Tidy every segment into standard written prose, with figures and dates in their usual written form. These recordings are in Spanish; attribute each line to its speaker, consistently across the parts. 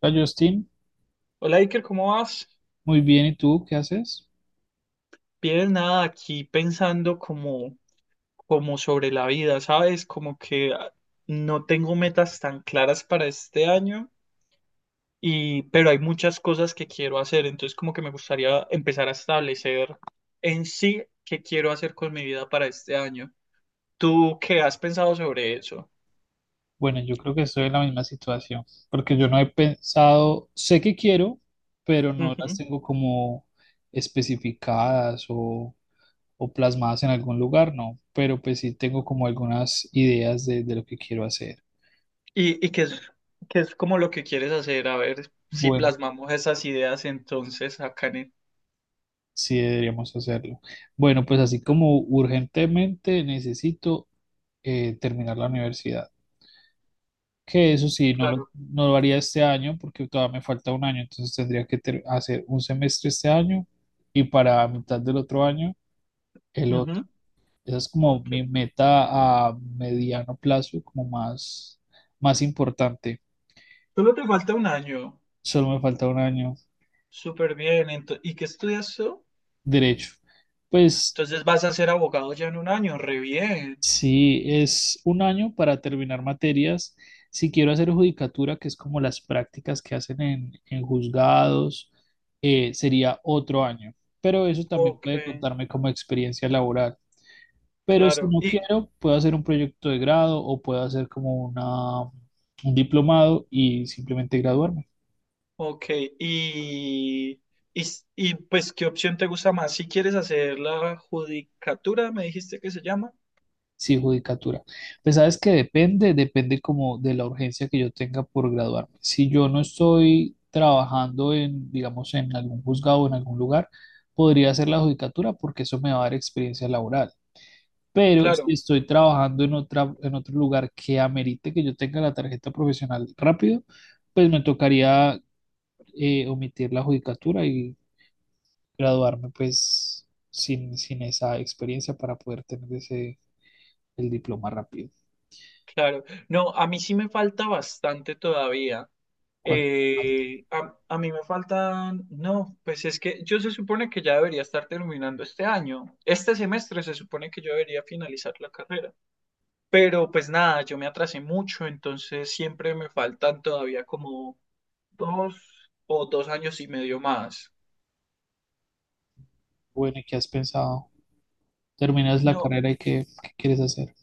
Speaker 1: Hola Justin,
Speaker 2: Hola Iker, ¿cómo vas?
Speaker 1: muy bien, ¿y tú qué haces?
Speaker 2: Bien, nada, aquí pensando como sobre la vida, ¿sabes? Como que no tengo metas tan claras para este año, pero hay muchas cosas que quiero hacer, entonces como que me gustaría empezar a establecer en sí qué quiero hacer con mi vida para este año. ¿Tú qué has pensado sobre eso?
Speaker 1: Bueno, yo creo que estoy en la misma situación, porque yo no he pensado, sé que quiero, pero no las
Speaker 2: Ujú.
Speaker 1: tengo como especificadas o plasmadas en algún lugar, no, pero pues sí tengo como algunas ideas de lo que quiero hacer.
Speaker 2: ¿Y qué es como lo que quieres hacer? A ver si
Speaker 1: Bueno,
Speaker 2: plasmamos esas ideas entonces acá en el.
Speaker 1: sí deberíamos hacerlo. Bueno, pues así como urgentemente necesito terminar la universidad. Que eso sí, no lo,
Speaker 2: Claro.
Speaker 1: no lo haría este año porque todavía me falta un año, entonces tendría que hacer un semestre este año y para mitad del otro año el otro.
Speaker 2: Ujú.
Speaker 1: Esa es como
Speaker 2: Ok.
Speaker 1: mi meta a mediano plazo, como más importante.
Speaker 2: Solo te falta un año.
Speaker 1: Solo me falta un año
Speaker 2: Súper bien. ¿Y qué estudias tú?
Speaker 1: derecho. Pues
Speaker 2: Entonces vas a ser abogado ya en un año. Re bien.
Speaker 1: sí, es un año para terminar materias. Si quiero hacer judicatura, que es como las prácticas que hacen en juzgados, sería otro año. Pero eso también
Speaker 2: Ok,
Speaker 1: puede contarme como experiencia laboral. Pero si
Speaker 2: claro.
Speaker 1: no
Speaker 2: Y,
Speaker 1: quiero, puedo hacer un proyecto de grado o puedo hacer como un diplomado y simplemente graduarme.
Speaker 2: ok, y, pues, ¿qué opción te gusta más? Si quieres hacer la judicatura, me dijiste que se llama.
Speaker 1: Sí, judicatura. Pues sabes que depende como de la urgencia que yo tenga por graduarme. Si yo no estoy trabajando en, digamos, en algún juzgado o en algún lugar, podría hacer la judicatura porque eso me va a dar experiencia laboral. Pero si
Speaker 2: Claro,
Speaker 1: estoy trabajando en otra, en otro lugar que amerite que yo tenga la tarjeta profesional rápido, pues me tocaría omitir la judicatura y graduarme pues sin esa experiencia para poder tener ese, el diploma rápido.
Speaker 2: claro. No, a mí sí me falta bastante todavía.
Speaker 1: ¿Cuánto?
Speaker 2: A mí me faltan, no, pues es que yo se supone que ya debería estar terminando este año. Este semestre se supone que yo debería finalizar la carrera. Pero pues nada, yo me atrasé mucho, entonces siempre me faltan todavía como 2 o 2 años y medio más.
Speaker 1: Bueno, ¿y qué has pensado? ¿Terminas la
Speaker 2: No,
Speaker 1: carrera y qué quieres hacer?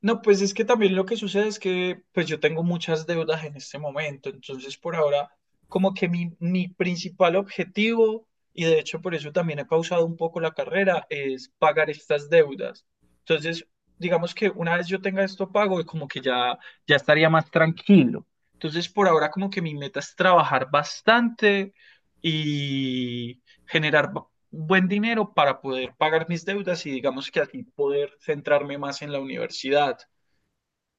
Speaker 2: no, pues es que también lo que sucede es que pues yo tengo muchas deudas en este momento, entonces por ahora como que mi principal objetivo, y de hecho por eso también he pausado un poco la carrera, es pagar estas deudas. Entonces, digamos que una vez yo tenga esto pago, como que ya, ya estaría más tranquilo. Entonces por ahora como que mi meta es trabajar bastante y generar buen dinero para poder pagar mis deudas y digamos que así poder centrarme más en la universidad.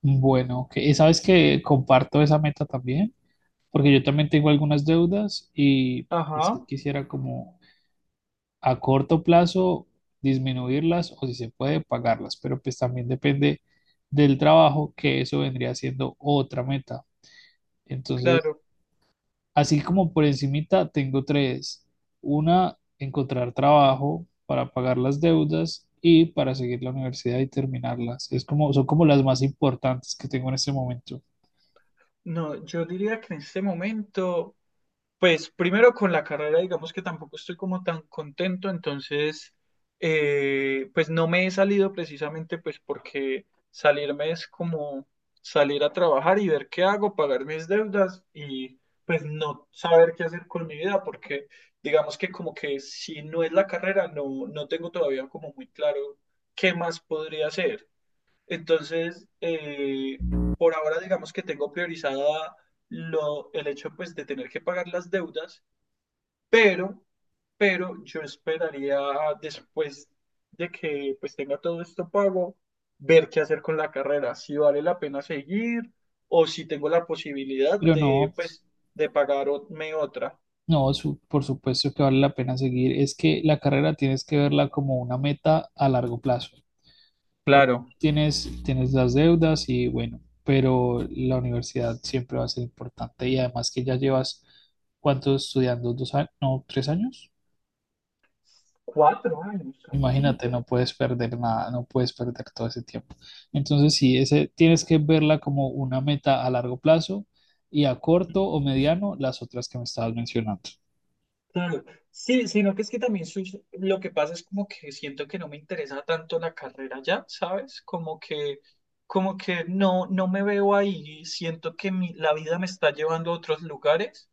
Speaker 1: Bueno, ok. Y sabes que comparto esa meta también, porque yo también tengo algunas deudas y si
Speaker 2: Ajá,
Speaker 1: quisiera como a corto plazo disminuirlas o si se puede pagarlas, pero pues también depende del trabajo, que eso vendría siendo otra meta. Entonces,
Speaker 2: claro.
Speaker 1: así como por encimita tengo tres. Una, encontrar trabajo para pagar las deudas y para seguir la universidad y terminarlas. Es como, son como las más importantes que tengo en este momento.
Speaker 2: No, yo diría que en este momento, pues primero con la carrera, digamos que tampoco estoy como tan contento, entonces, pues no me he salido precisamente pues porque salirme es como salir a trabajar y ver qué hago, pagar mis deudas y pues no saber qué hacer con mi vida, porque digamos que como que si no es la carrera, no tengo todavía como muy claro qué más podría hacer. Entonces, por ahora digamos que tengo priorizada el hecho pues de tener que pagar las deudas, pero, pero yo esperaría después de que pues tenga todo esto pago, ver qué hacer con la carrera, si vale la pena seguir o si tengo la posibilidad
Speaker 1: Pero
Speaker 2: de
Speaker 1: no,
Speaker 2: pues de pagarme otra.
Speaker 1: no, su- por supuesto que vale la pena seguir. Es que la carrera tienes que verla como una meta a largo plazo. Por-
Speaker 2: Claro.
Speaker 1: tienes las deudas y bueno, pero la universidad siempre va a ser importante y además que ya llevas, ¿cuánto estudiando? ¿Dos años? No, tres años.
Speaker 2: 4 años, casi
Speaker 1: Imagínate, no
Speaker 2: 5.
Speaker 1: puedes perder nada, no puedes perder todo ese tiempo. Entonces, sí, ese, tienes que verla como una meta a largo plazo y a corto o mediano las otras que me estabas mencionando.
Speaker 2: Claro, sí, sino que es que también lo que pasa es como que siento que no me interesa tanto la carrera ya, ¿sabes? Como que, como que no me veo ahí, siento que la vida me está llevando a otros lugares,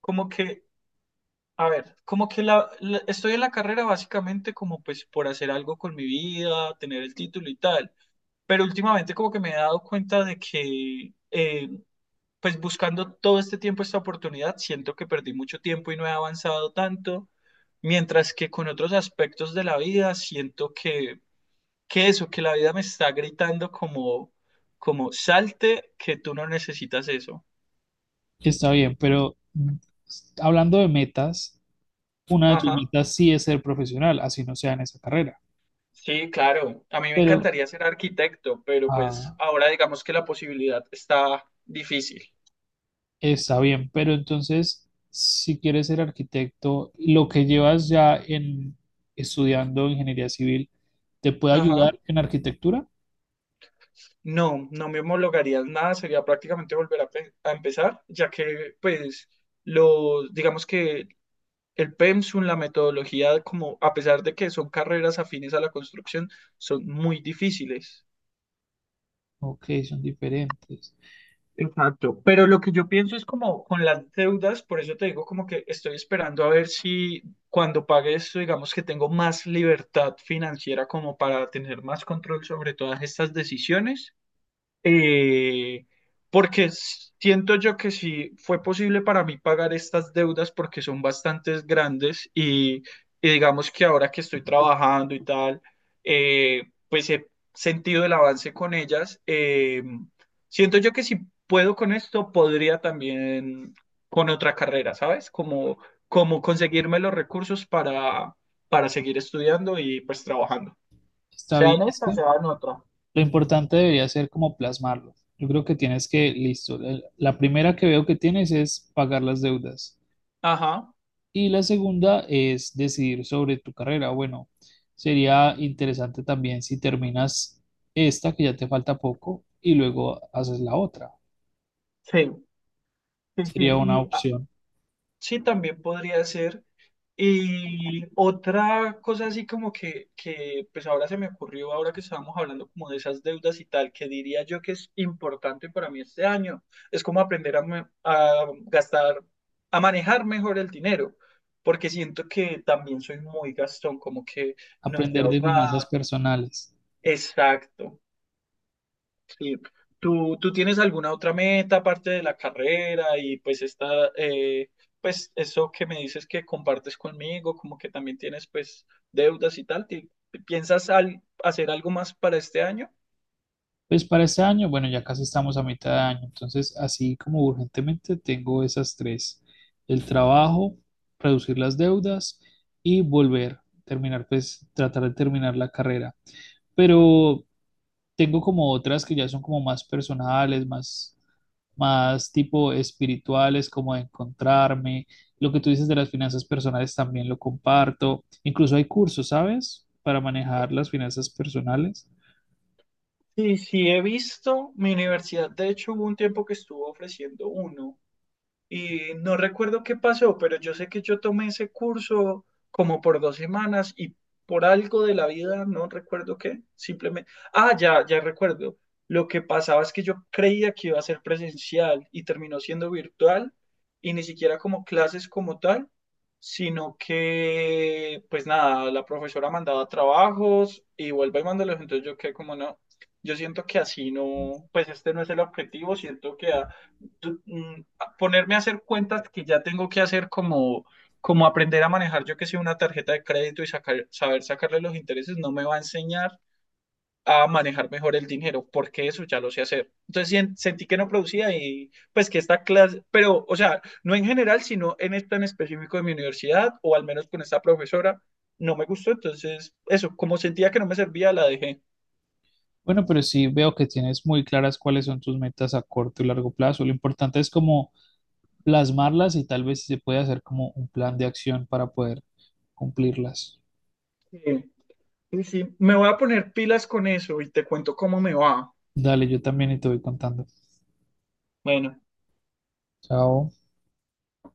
Speaker 2: como que, a ver, como que estoy en la carrera básicamente como pues por hacer algo con mi vida, tener el título y tal, pero últimamente como que me he dado cuenta de que pues buscando todo este tiempo esta oportunidad, siento que perdí mucho tiempo y no he avanzado tanto, mientras que con otros aspectos de la vida siento que, eso, que la vida me está gritando como, como salte, que tú no necesitas eso.
Speaker 1: Está bien, pero hablando de metas, una de tus
Speaker 2: Ajá.
Speaker 1: metas sí es ser profesional, así no sea en esa carrera.
Speaker 2: Sí, claro. A mí me
Speaker 1: Pero,
Speaker 2: encantaría ser arquitecto, pero pues
Speaker 1: ah,
Speaker 2: ahora digamos que la posibilidad está difícil.
Speaker 1: Está bien, pero entonces, si quieres ser arquitecto, lo que llevas ya en estudiando ingeniería civil, ¿te puede
Speaker 2: Ajá.
Speaker 1: ayudar en arquitectura?
Speaker 2: No, no me homologaría en nada, sería prácticamente volver a, a empezar, ya que pues los, digamos que el PEMSUM, la metodología, como a pesar de que son carreras afines a la construcción, son muy difíciles.
Speaker 1: Ok, son diferentes.
Speaker 2: Exacto, pero lo que yo pienso es como con las deudas, por eso te digo como que estoy esperando a ver si cuando pague esto, digamos que tengo más libertad financiera como para tener más control sobre todas estas decisiones. eh, Porque siento yo que sí fue posible para mí pagar estas deudas porque son bastantes grandes y digamos que ahora que estoy trabajando y tal, eh, pues he sentido el avance con ellas. Siento yo que si puedo con esto, podría también con otra carrera, ¿sabes? Como conseguirme los recursos para, seguir estudiando y pues trabajando.
Speaker 1: Está
Speaker 2: Sea
Speaker 1: bien,
Speaker 2: en
Speaker 1: es
Speaker 2: esta,
Speaker 1: que
Speaker 2: sea en otra.
Speaker 1: lo importante debería ser como plasmarlo. Yo creo que tienes que, listo, la primera que veo que tienes es pagar las deudas.
Speaker 2: Ajá,
Speaker 1: Y la segunda es decidir sobre tu carrera. Bueno, sería interesante también si terminas esta, que ya te falta poco, y luego haces la otra.
Speaker 2: sí. Sí, sí,
Speaker 1: Sería una
Speaker 2: y
Speaker 1: opción.
Speaker 2: sí también podría ser. Y otra cosa así como pues ahora se me ocurrió, ahora que estábamos hablando como de esas deudas y tal, que diría yo que es importante para mí este año, es como aprender a, a gastar, a manejar mejor el dinero, porque siento que también soy muy gastón, como que no sé
Speaker 1: Aprender de finanzas
Speaker 2: ahorrar.
Speaker 1: personales.
Speaker 2: Exacto. Sí. ¿Tú tienes alguna otra meta aparte de la carrera y pues esta, pues eso que me dices que compartes conmigo, como que también tienes pues deudas y tal? ¿Piensas hacer algo más para este año?
Speaker 1: Pues para este año, bueno, ya casi estamos a mitad de año, entonces así como urgentemente tengo esas tres. El trabajo, reducir las deudas y volver, terminar, pues tratar de terminar la carrera. Pero tengo como otras que ya son como más personales, más tipo espirituales, como de encontrarme. Lo que tú dices de las finanzas personales también lo comparto. Incluso hay cursos, ¿sabes? Para manejar las finanzas personales.
Speaker 2: Sí, sí, he visto. Mi universidad, de hecho, hubo un tiempo que estuvo ofreciendo uno. Y no recuerdo qué pasó, pero yo sé que yo tomé ese curso como por 2 semanas y por algo de la vida, no recuerdo qué, simplemente, ah, ya, ya recuerdo. Lo que pasaba es que yo creía que iba a ser presencial y terminó siendo virtual y ni siquiera como clases como tal, sino que, pues nada, la profesora mandaba trabajos y vuelve y mándalos, entonces yo quedé como no. Yo siento que así no, pues este no es el objetivo, siento que tú- mm, ponerme a hacer cuentas que ya tengo que hacer como, como aprender a manejar, yo que sé, una tarjeta de crédito y sacar, saber sacarle los intereses, no me va a enseñar a manejar mejor el dinero, porque eso ya lo sé hacer. Entonces sentí que no producía y pues que esta clase, pero o sea, no en general, sino en este en específico de mi universidad o al menos con esta profesora, no me gustó. Entonces, eso, como sentía que no me servía, la dejé.
Speaker 1: Bueno, pero sí veo que tienes muy claras cuáles son tus metas a corto y largo plazo. Lo importante es como plasmarlas y tal vez si se puede hacer como un plan de acción para poder cumplirlas.
Speaker 2: Sí, sí, sí. Me voy a poner pilas con eso y te cuento cómo me va.
Speaker 1: Dale, yo también y te voy contando.
Speaker 2: Bueno.
Speaker 1: Chao.